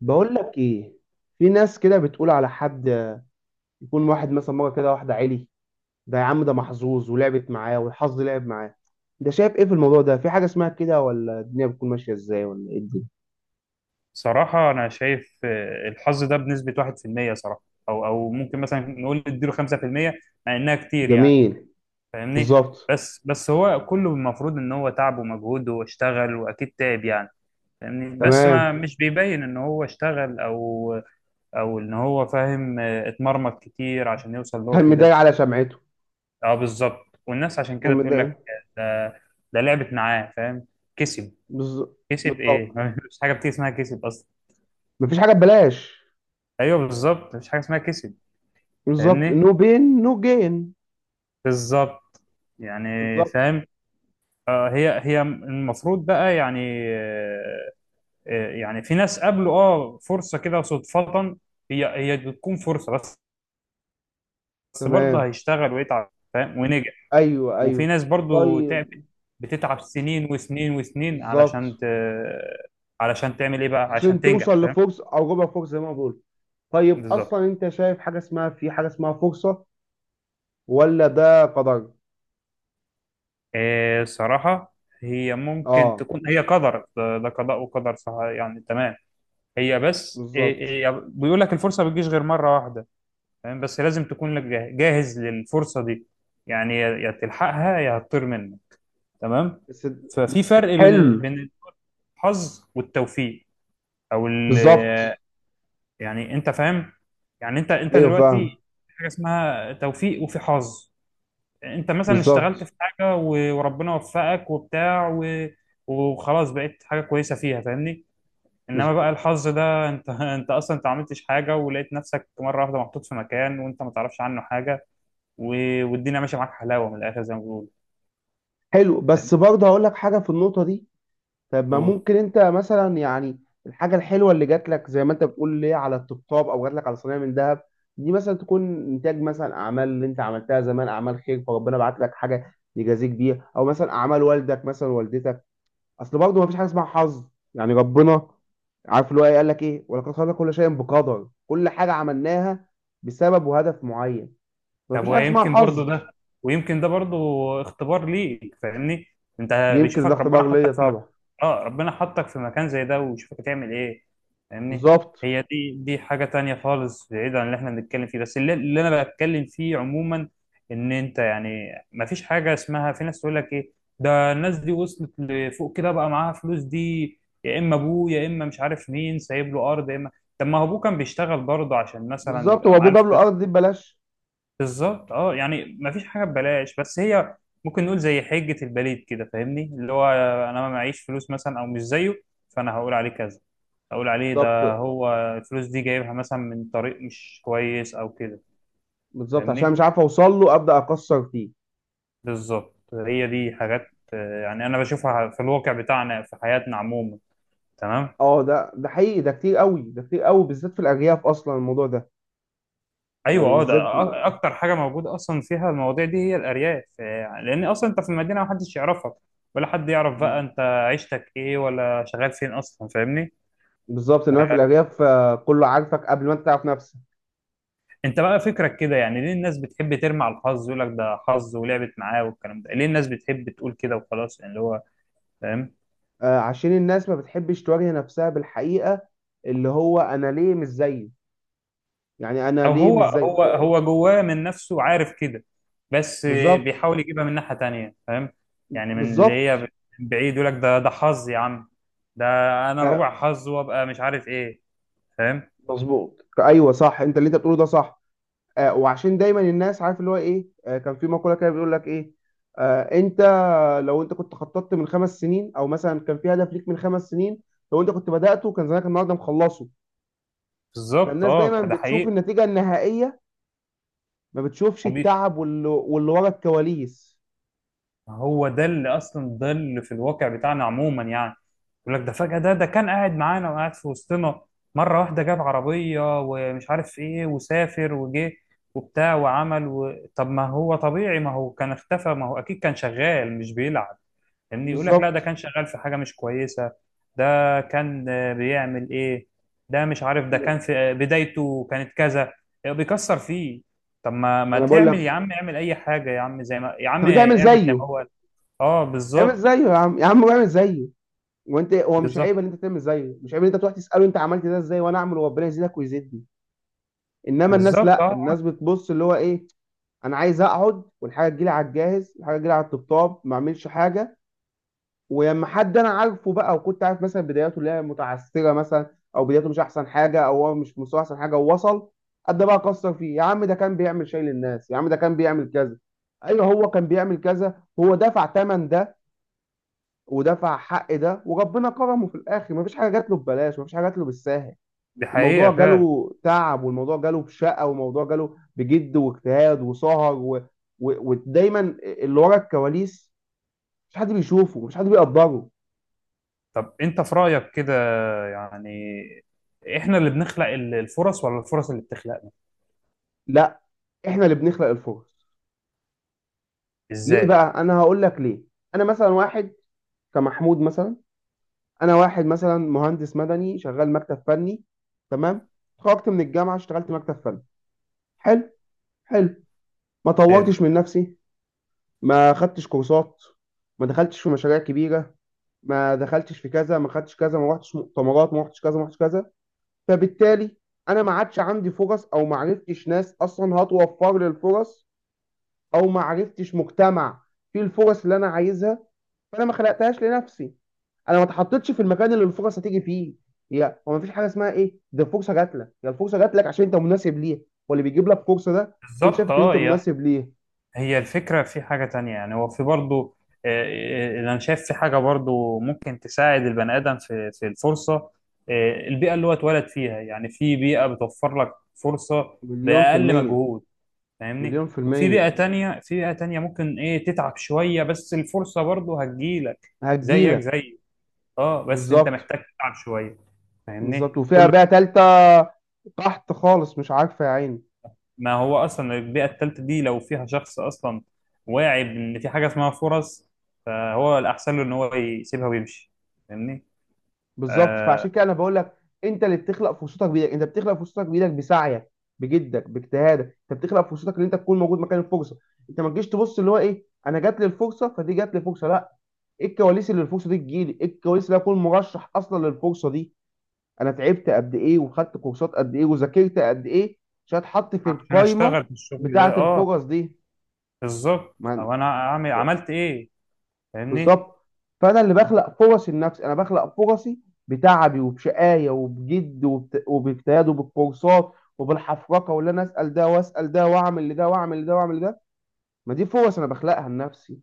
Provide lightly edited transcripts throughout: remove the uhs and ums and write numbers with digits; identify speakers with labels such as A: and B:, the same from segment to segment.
A: بقول لك ايه؟ في ناس كده بتقول على حد يكون واحد مثلا مره كده واحده عالي، ده يا عم ده محظوظ ولعبت معاه والحظ لعب معاه. ده شايف ايه في الموضوع ده؟ في حاجه اسمها كده ولا الدنيا بتكون ماشيه ازاي ولا ايه الدنيا؟
B: صراحة أنا شايف، الحظ ده بنسبة 1% صراحة. أو ممكن مثلا نقول اديله 5%، مع إنها كتير يعني.
A: جميل.
B: فاهمني؟
A: بالظبط.
B: بس هو كله المفروض إن هو تعب ومجهود واشتغل وأكيد تعب يعني. فاهمني؟ بس
A: تمام.
B: ما مش بيبين إن هو اشتغل أو إن هو فاهم، اتمرمط كتير عشان يوصل اللي هو
A: كان
B: فيه
A: مضايق
B: ده.
A: على سمعته،
B: أه، بالظبط، والناس عشان
A: كان
B: كده تقول
A: مضايق.
B: لك، آه، ده لعبت معاه، فاهم؟ كسب.
A: بالز-
B: كسب إيه؟
A: بالظبط.
B: مفيش حاجة بتيجي اسمها كسب أصلا.
A: مفيش حاجه ببلاش.
B: ايوه، بالظبط، مفيش حاجه اسمها كسب.
A: بالظبط،
B: فاهمني.
A: نو بين نو جين.
B: بالظبط. يعني
A: بالظبط.
B: فاهم. هي المفروض بقى يعني. آه، يعني في ناس قابلوا فرصة كده صدفة. هي بتكون فرصة بس. بس برضه
A: تمام.
B: هيشتغل ويتعب، فاهم، ونجح.
A: ايوه
B: وفي
A: ايوه.
B: ناس برضه تعبت،
A: طيب.
B: بتتعب سنين وسنين وسنين
A: بالظبط،
B: علشان علشان تعمل ايه بقى عشان
A: عشان
B: تنجح،
A: توصل
B: فاهم.
A: لفرصه او ربع فرصه زي ما بقول. طيب
B: بالظبط.
A: اصلا انت شايف حاجه اسمها، في حاجه اسمها فرصه ولا ده قدر؟
B: صراحة، هي ممكن
A: اه
B: تكون هي قدر، ده قضاء وقدر، صح يعني، تمام. هي بس إيه
A: بالظبط.
B: إيه بيقول لك الفرصة بتجيش غير مرة واحدة. تمام، بس لازم تكون لك جاهز للفرصة دي. يعني يا تلحقها يا هتطير منك، تمام.
A: بس
B: ففي
A: بس
B: فرق بين ال-
A: حلو.
B: بين الحظ والتوفيق، او ال
A: بالظبط.
B: يعني انت فاهم. يعني انت
A: ايوه فاهم.
B: دلوقتي، في حاجة اسمها توفيق وفي حظ. انت مثلا اشتغلت
A: بالظبط.
B: في حاجة وربنا وفقك وبتاع وخلاص بقيت حاجة كويسة فيها، فاهمني. انما
A: مظبوط.
B: بقى الحظ ده انت انت اصلا ما عملتش حاجه، ولقيت نفسك مره واحده محطوط في مكان وانت ما تعرفش عنه حاجه و... والدنيا ماشيه معاك حلاوه من الاخر زي ما بيقولوا،
A: حلو، بس برضه هقول لك حاجه في النقطه دي. طب ما
B: فاهم؟
A: ممكن انت مثلا يعني الحاجه الحلوه اللي جات لك زي ما انت بتقول ليه على الطبطاب او جات لك على صينيه من ذهب، دي مثلا تكون انتاج مثلا اعمال اللي انت عملتها زمان، اعمال خير، فربنا بعت لك حاجه يجازيك بيها، او مثلا اعمال والدك مثلا والدتك. اصل برضه ما فيش حاجه اسمها حظ. يعني ربنا عارف اللي هو ايه، قال لك ايه؟ ولقد خلقنا كل شيء بقدر. كل حاجه عملناها بسبب وهدف معين. ما
B: طب
A: فيش حاجه اسمها
B: ويمكن برضو
A: حظ.
B: ده ويمكن ده برضو اختبار ليك، فاهمني. انت
A: يمكن ده
B: بيشوفك ربنا
A: اختبار ليا
B: حطك في مكان،
A: طبعا.
B: اه ربنا حطك في مكان زي ده ويشوفك هتعمل ايه، فاهمني.
A: بالظبط.
B: هي دي حاجة تانية خالص بعيد عن اللي احنا بنتكلم فيه، بس اللي انا بتكلم فيه عموما ان انت، يعني، ما فيش حاجة اسمها في ناس تقول لك ايه، ده الناس دي وصلت لفوق كده بقى معاها فلوس دي، يا اما ابوه، يا اما مش عارف مين سايب له ارض، يا اما. طب ما هو ابوه كان بيشتغل برضه عشان مثلا
A: بالظبط،
B: يبقى
A: هو ابوه
B: معاه
A: جاب له
B: الفلوس.
A: ارض دي ببلاش.
B: بالظبط، اه، يعني مفيش حاجه ببلاش، بس هي ممكن نقول زي حجه البليد كده، فاهمني، اللي هو انا ما معيش فلوس مثلا او مش زيه، فانا هقول عليه كذا، هقول عليه
A: بالظبط.
B: ده هو الفلوس دي جايبها مثلا من طريق مش كويس او كده.
A: بالظبط، عشان
B: فاهمني.
A: مش عارف اوصل له ابدا اكسر فيه.
B: بالظبط، هي دي حاجات. يعني انا بشوفها في الواقع بتاعنا في حياتنا عموما، تمام.
A: اه ده حقيقي، ده كتير قوي، ده كتير قوي بالذات في الارياف اصلا الموضوع ده.
B: ايوه،
A: يعني
B: اه، ده
A: بالذات
B: اكتر حاجه موجوده اصلا فيها المواضيع دي هي الارياف. يعني لان اصلا انت في المدينه محدش يعرفك، ولا حد يعرف بقى انت عيشتك ايه ولا شغال فين اصلا، فاهمني.
A: بالظبط. انما في
B: آه،
A: الارياف كله عارفك قبل ما انت تعرف نفسك.
B: انت بقى فكرك كده، يعني ليه الناس بتحب ترمي على الحظ، يقول لك ده حظ ولعبت معاه والكلام ده، ليه الناس بتحب تقول كده وخلاص، يعني اللي هو فاهم.
A: عشان الناس ما بتحبش تواجه نفسها بالحقيقة، اللي هو أنا ليه مش زيه؟ يعني أنا
B: او
A: ليه
B: هو
A: مش زيه
B: هو
A: آه،
B: هو جواه من نفسه عارف كده، بس
A: بالظبط.
B: بيحاول يجيبها من ناحية تانية، فاهم. يعني من اللي هي
A: بالظبط
B: من بعيد يقول لك ده حظ يا عم، ده انا
A: آه،
B: ربع حظ وابقى مش عارف ايه، فاهم.
A: مظبوط، أيوه صح، أنت اللي أنت بتقوله ده صح. وعشان دايما الناس عارف اللي هو إيه، كان في مقولة كده بيقول لك إيه، أنت لو أنت كنت خططت من 5 سنين، أو مثلا كان في هدف ليك من 5 سنين، لو أنت كنت بدأته كان زمانك النهاردة مخلصه.
B: بالظبط،
A: فالناس
B: اه،
A: دايما
B: ده
A: بتشوف
B: حقيقي.
A: النتيجة النهائية، ما بتشوفش التعب واللي ورا الكواليس.
B: هو ده اللي اصلا، ده اللي في الواقع بتاعنا عموما يعني، يقول لك ده فجأة ده كان قاعد معانا وقاعد في وسطنا، مرة واحدة جاب عربية ومش عارف ايه وسافر وجه وبتاع وعمل طب ما هو طبيعي، ما هو كان اختفى، ما هو اكيد كان شغال مش بيلعب، فاهمني. يقول لك لا، ده
A: بالظبط.
B: كان شغال في حاجة مش كويسة، ده كان بيعمل ايه، ده مش عارف، ده كان في بدايته كانت كذا، بيكسر فيه. طب ما
A: ما
B: ما
A: انا بقول
B: تعمل يا
A: لك،
B: عم، اعمل اي حاجة يا عم، زي ما، يا عم
A: طب انت اعمل
B: اعمل زي ما
A: زيه.
B: هو. اه،
A: اعمل
B: بالظبط.
A: زيه يا عم، يا عم اعمل زيه. وانت هو مش
B: بالظبط،
A: عيب ان انت تعمل زيه، مش عيب ان انت تروح تساله انت عملت ده ازاي، وانا اعمل، وربنا يزيدك ويزيدني. انما الناس
B: بالظبط،
A: لا،
B: اه،
A: الناس بتبص اللي هو ايه، انا عايز اقعد والحاجه تجيلي على الجاهز، الحاجه تجيلي على الطبطاب، ما اعملش حاجه. ولما حد انا عارفه بقى وكنت عارف مثلا بداياته اللي هي متعثره مثلا، او بداياته مش احسن حاجه، او هو مش في مستوى احسن حاجه ووصل، ابدا بقى اكسر فيه. يا عم ده كان بيعمل شيء للناس، يا عم ده كان بيعمل كذا. ايوه هو كان بيعمل كذا، هو دفع ثمن ده ودفع حق ده وربنا كرمه في الاخر. مفيش حاجه جات له ببلاش، مفيش حاجه جات له بالساهل.
B: دي حقيقة
A: الموضوع
B: فعلا.
A: جاله تعب، والموضوع جاله بشقه، والموضوع جاله بجد واجتهاد وسهر ودايما اللي ورا الكواليس مش حد بيشوفه، مش حد بيقدره.
B: طب انت في رأيك كده، يعني احنا اللي بنخلق الفرص ولا الفرص اللي بتخلقنا؟
A: لا، احنا اللي بنخلق الفرص. ليه
B: ازاي؟
A: بقى؟ انا هقول لك ليه. انا مثلا واحد كمحمود مثلا، انا واحد مثلا مهندس مدني شغال مكتب فني، تمام؟ اتخرجت من الجامعه، اشتغلت مكتب فني، حلو، حلو. ما
B: حلو.
A: طورتش من نفسي، ما خدتش كورسات، ما دخلتش في مشاريع كبيرة، ما دخلتش في كذا، ما خدتش كذا، ما رحتش مؤتمرات، ما رحتش كذا، ما رحتش كذا. فبالتالي انا ما عادش عندي فرص، او ما عرفتش ناس اصلا هتوفر لي الفرص، او ما عرفتش مجتمع فيه الفرص اللي انا عايزها. فانا ما خلقتهاش لنفسي، انا ما اتحطيتش في المكان اللي الفرص هتيجي فيه. هي هو ما فيش حاجه اسمها ايه ده الفرصه جات لك، هي الفرصه جات لك عشان انت مناسب ليها، واللي بيجيب لك فرصه ده يكون
B: بالظبط،
A: شايفك ان
B: اه،
A: انت مناسب ليه.
B: هي الفكرة في حاجة تانية، يعني هو في برضو، آه، انا شايف في حاجة برضو ممكن تساعد البني آدم في الفرصة. البيئة اللي هو اتولد فيها، يعني في بيئة بتوفر لك فرصة
A: مليون في
B: بأقل
A: المية.
B: مجهود،
A: مليون
B: فاهمني.
A: في
B: وفي بيئة
A: المية.
B: تانية في بيئة تانية ممكن ايه تتعب شوية بس الفرصة برضو هتجيلك، زيك
A: هتجيلك.
B: زي اه بس انت
A: بالظبط.
B: محتاج تتعب شوية،
A: بالظبط،
B: فاهمني.
A: وفيها بقى تالتة تحت خالص مش عارفة يا عيني.
B: ما هو اصلا البيئة التالتة دي لو فيها شخص اصلا واعي بان في حاجة اسمها فرص، فهو الاحسن له ان هو يسيبها ويمشي، فاهمني.
A: بالظبط،
B: آه
A: فعشان كده انا بقول لك انت اللي بتخلق فرصتك بايدك، انت بتخلق فرصتك بايدك بسعيك بجدك باجتهادك. انت بتخلق فرصتك ان انت تكون موجود مكان الفرصه. انت ما تجيش تبص اللي هو ايه انا جات لي الفرصه، فدي جات لي فرصه، لا. ايه الكواليس اللي الفرصه دي تجيلي؟ ايه الكواليس اللي اكون مرشح اصلا للفرصه دي؟ انا تعبت قد ايه، وخدت كورسات قد ايه، وذاكرت قد ايه، عشان اتحط في
B: عشان
A: القايمه
B: اشتغل في الشغل
A: بتاعه
B: ده، اه،
A: الفرص دي.
B: بالظبط.
A: ما
B: او انا عملت ايه، فاهمني.
A: بالظبط. فانا اللي بخلق فرصي لنفسي، انا بخلق فرصي بتعبي وبشقايه وبجد وباجتهاد وبالكورسات وبالحفرقه، واللي انا اسال ده واسال ده واعمل لده واعمل لده واعمل لده. ما دي فرص انا بخلقها لنفسي.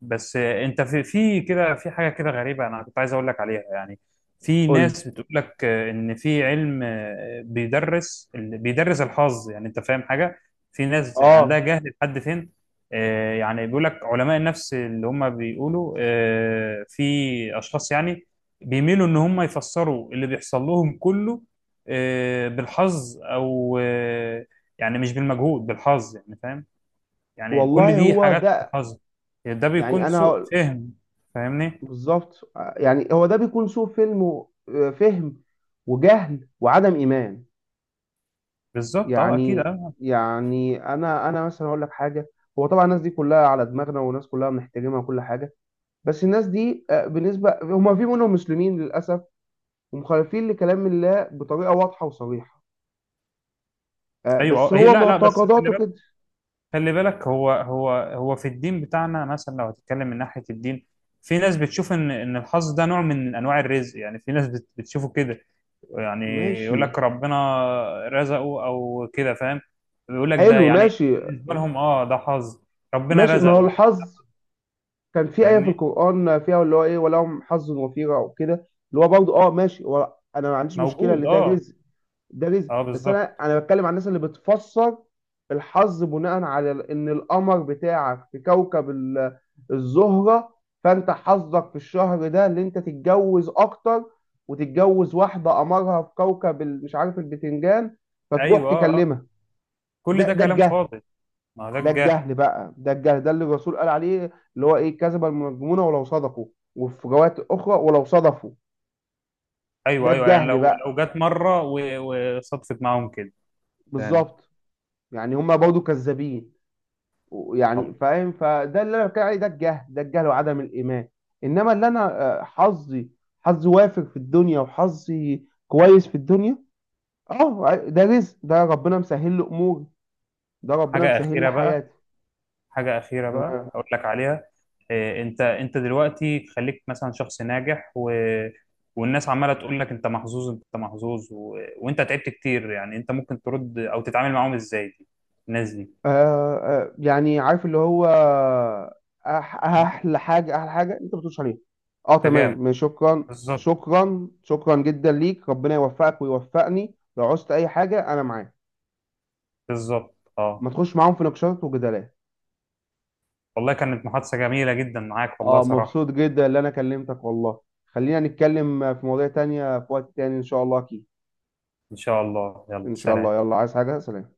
B: بس انت في، في كده، في حاجه كده غريبه انا كنت عايز اقول لك عليها يعني. في
A: قول لي.
B: ناس بتقول لك ان في علم بيدرس بيدرس الحظ، يعني انت فاهم حاجه، في ناس عندها
A: اه.
B: جهل لحد فين. يعني بيقول لك علماء النفس اللي هم بيقولوا في اشخاص يعني بيميلوا ان هم يفسروا اللي بيحصل لهم كله بالحظ او يعني مش بالمجهود بالحظ، يعني فاهم. يعني كل
A: والله
B: دي
A: هو
B: حاجات
A: ده.
B: حظ، يعني ده
A: يعني
B: بيكون
A: انا
B: سوء
A: هقول-
B: فهم، فاهمني.
A: بالظبط. يعني هو ده بيكون سوء فهم و فهم وجهل وعدم ايمان.
B: بالظبط، اه، اكيد،
A: يعني
B: اه.
A: يعني انا مثلا هقول لك حاجه. هو طبعا الناس دي كلها على دماغنا، والناس كلها بنحترمها وكل حاجه، بس الناس دي بالنسبة هما في منهم مسلمين للأسف، ومخالفين لكلام الله بطريقة واضحة وصريحة،
B: ايوه،
A: بس
B: اه،
A: هو
B: لا، لا، بس خلي
A: معتقداته
B: بالك،
A: كده.
B: خلي بالك هو في الدين بتاعنا مثلا، لو هتتكلم من ناحيه الدين، في ناس بتشوف ان الحظ ده نوع من انواع الرزق، يعني في ناس بتشوفه كده يعني.
A: ماشي.
B: يقول لك ربنا رزقه او كده، فاهم. بيقول لك ده
A: حلو
B: يعني،
A: ماشي.
B: بالنسبه لهم، اه، ده حظ، ربنا
A: ماشي، ما هو
B: رزقه.
A: الحظ كان في آية في
B: فاهمني.
A: القرآن فيها اللي هو إيه ولهم حظ وفيرة وكده. اللي هو برضه أه ماشي، هو أنا ما عنديش مشكلة اللي
B: موجود،
A: ده
B: اه،
A: رزق، ده رزق.
B: اه،
A: بس انا
B: بالظبط.
A: انا بتكلم عن الناس اللي بتفسر الحظ بناء على ان القمر بتاعك في كوكب الزهرة، فانت حظك في الشهر ده اللي انت تتجوز اكتر، وتتجوز واحدة قمرها في كوكب مش عارف البتنجان، فتروح
B: ايوه، اه، اه،
A: تكلمها.
B: كل
A: ده
B: ده
A: ده
B: كلام
A: الجهل.
B: فاضي، ما ده
A: ده
B: الجهل.
A: الجهل بقى، ده الجهل، ده اللي الرسول قال عليه اللي هو ايه، كذب المنجمون ولو صدقوا، وفي روايات اخرى ولو صدفوا. ده
B: ايوه، ايوه، يعني
A: الجهل
B: لو
A: بقى.
B: لو جت مره وصدفت معاهم كده، تمام.
A: بالظبط. يعني هما برضو كذابين. يعني
B: طب،
A: فاهم، فده اللي انا بتكلم عليه، ده الجهل، ده الجهل وعدم الايمان. انما اللي انا حظي، حظي وافر في الدنيا، وحظي كويس في الدنيا، اه ده رزق، ده ربنا مسهل له اموري، ده ربنا
B: حاجه
A: مسهل لي
B: اخيره بقى
A: حياتي.
B: حاجه اخيره بقى
A: تمام.
B: اقول لك عليها. إيه، انت دلوقتي خليك مثلا شخص ناجح والناس عماله تقول لك انت محظوظ انت محظوظ وانت تعبت كتير، يعني انت ممكن ترد او تتعامل معاهم ازاي، دي الناس دي؟
A: آه آه، يعني عارف اللي هو أح- احلى حاجه، احلى حاجه انت ما بتقولش عليها. اه
B: تجاهل.
A: تمام، شكرا
B: بالظبط،
A: شكرا شكرا جدا ليك، ربنا يوفقك ويوفقني، لو عوزت اي حاجه انا معاك.
B: بالظبط،
A: ما
B: اه.
A: تخش معاهم في نقاشات وجدالات.
B: والله كانت محادثه جميله جدا معاك، والله
A: اه
B: صراحه.
A: مبسوط جدا اللي انا كلمتك والله. خلينا نتكلم في مواضيع تانية في وقت تاني ان شاء الله، اكيد.
B: ان شاء الله، يلا،
A: ان شاء الله،
B: سلام.
A: يلا، عايز حاجة؟ سلام.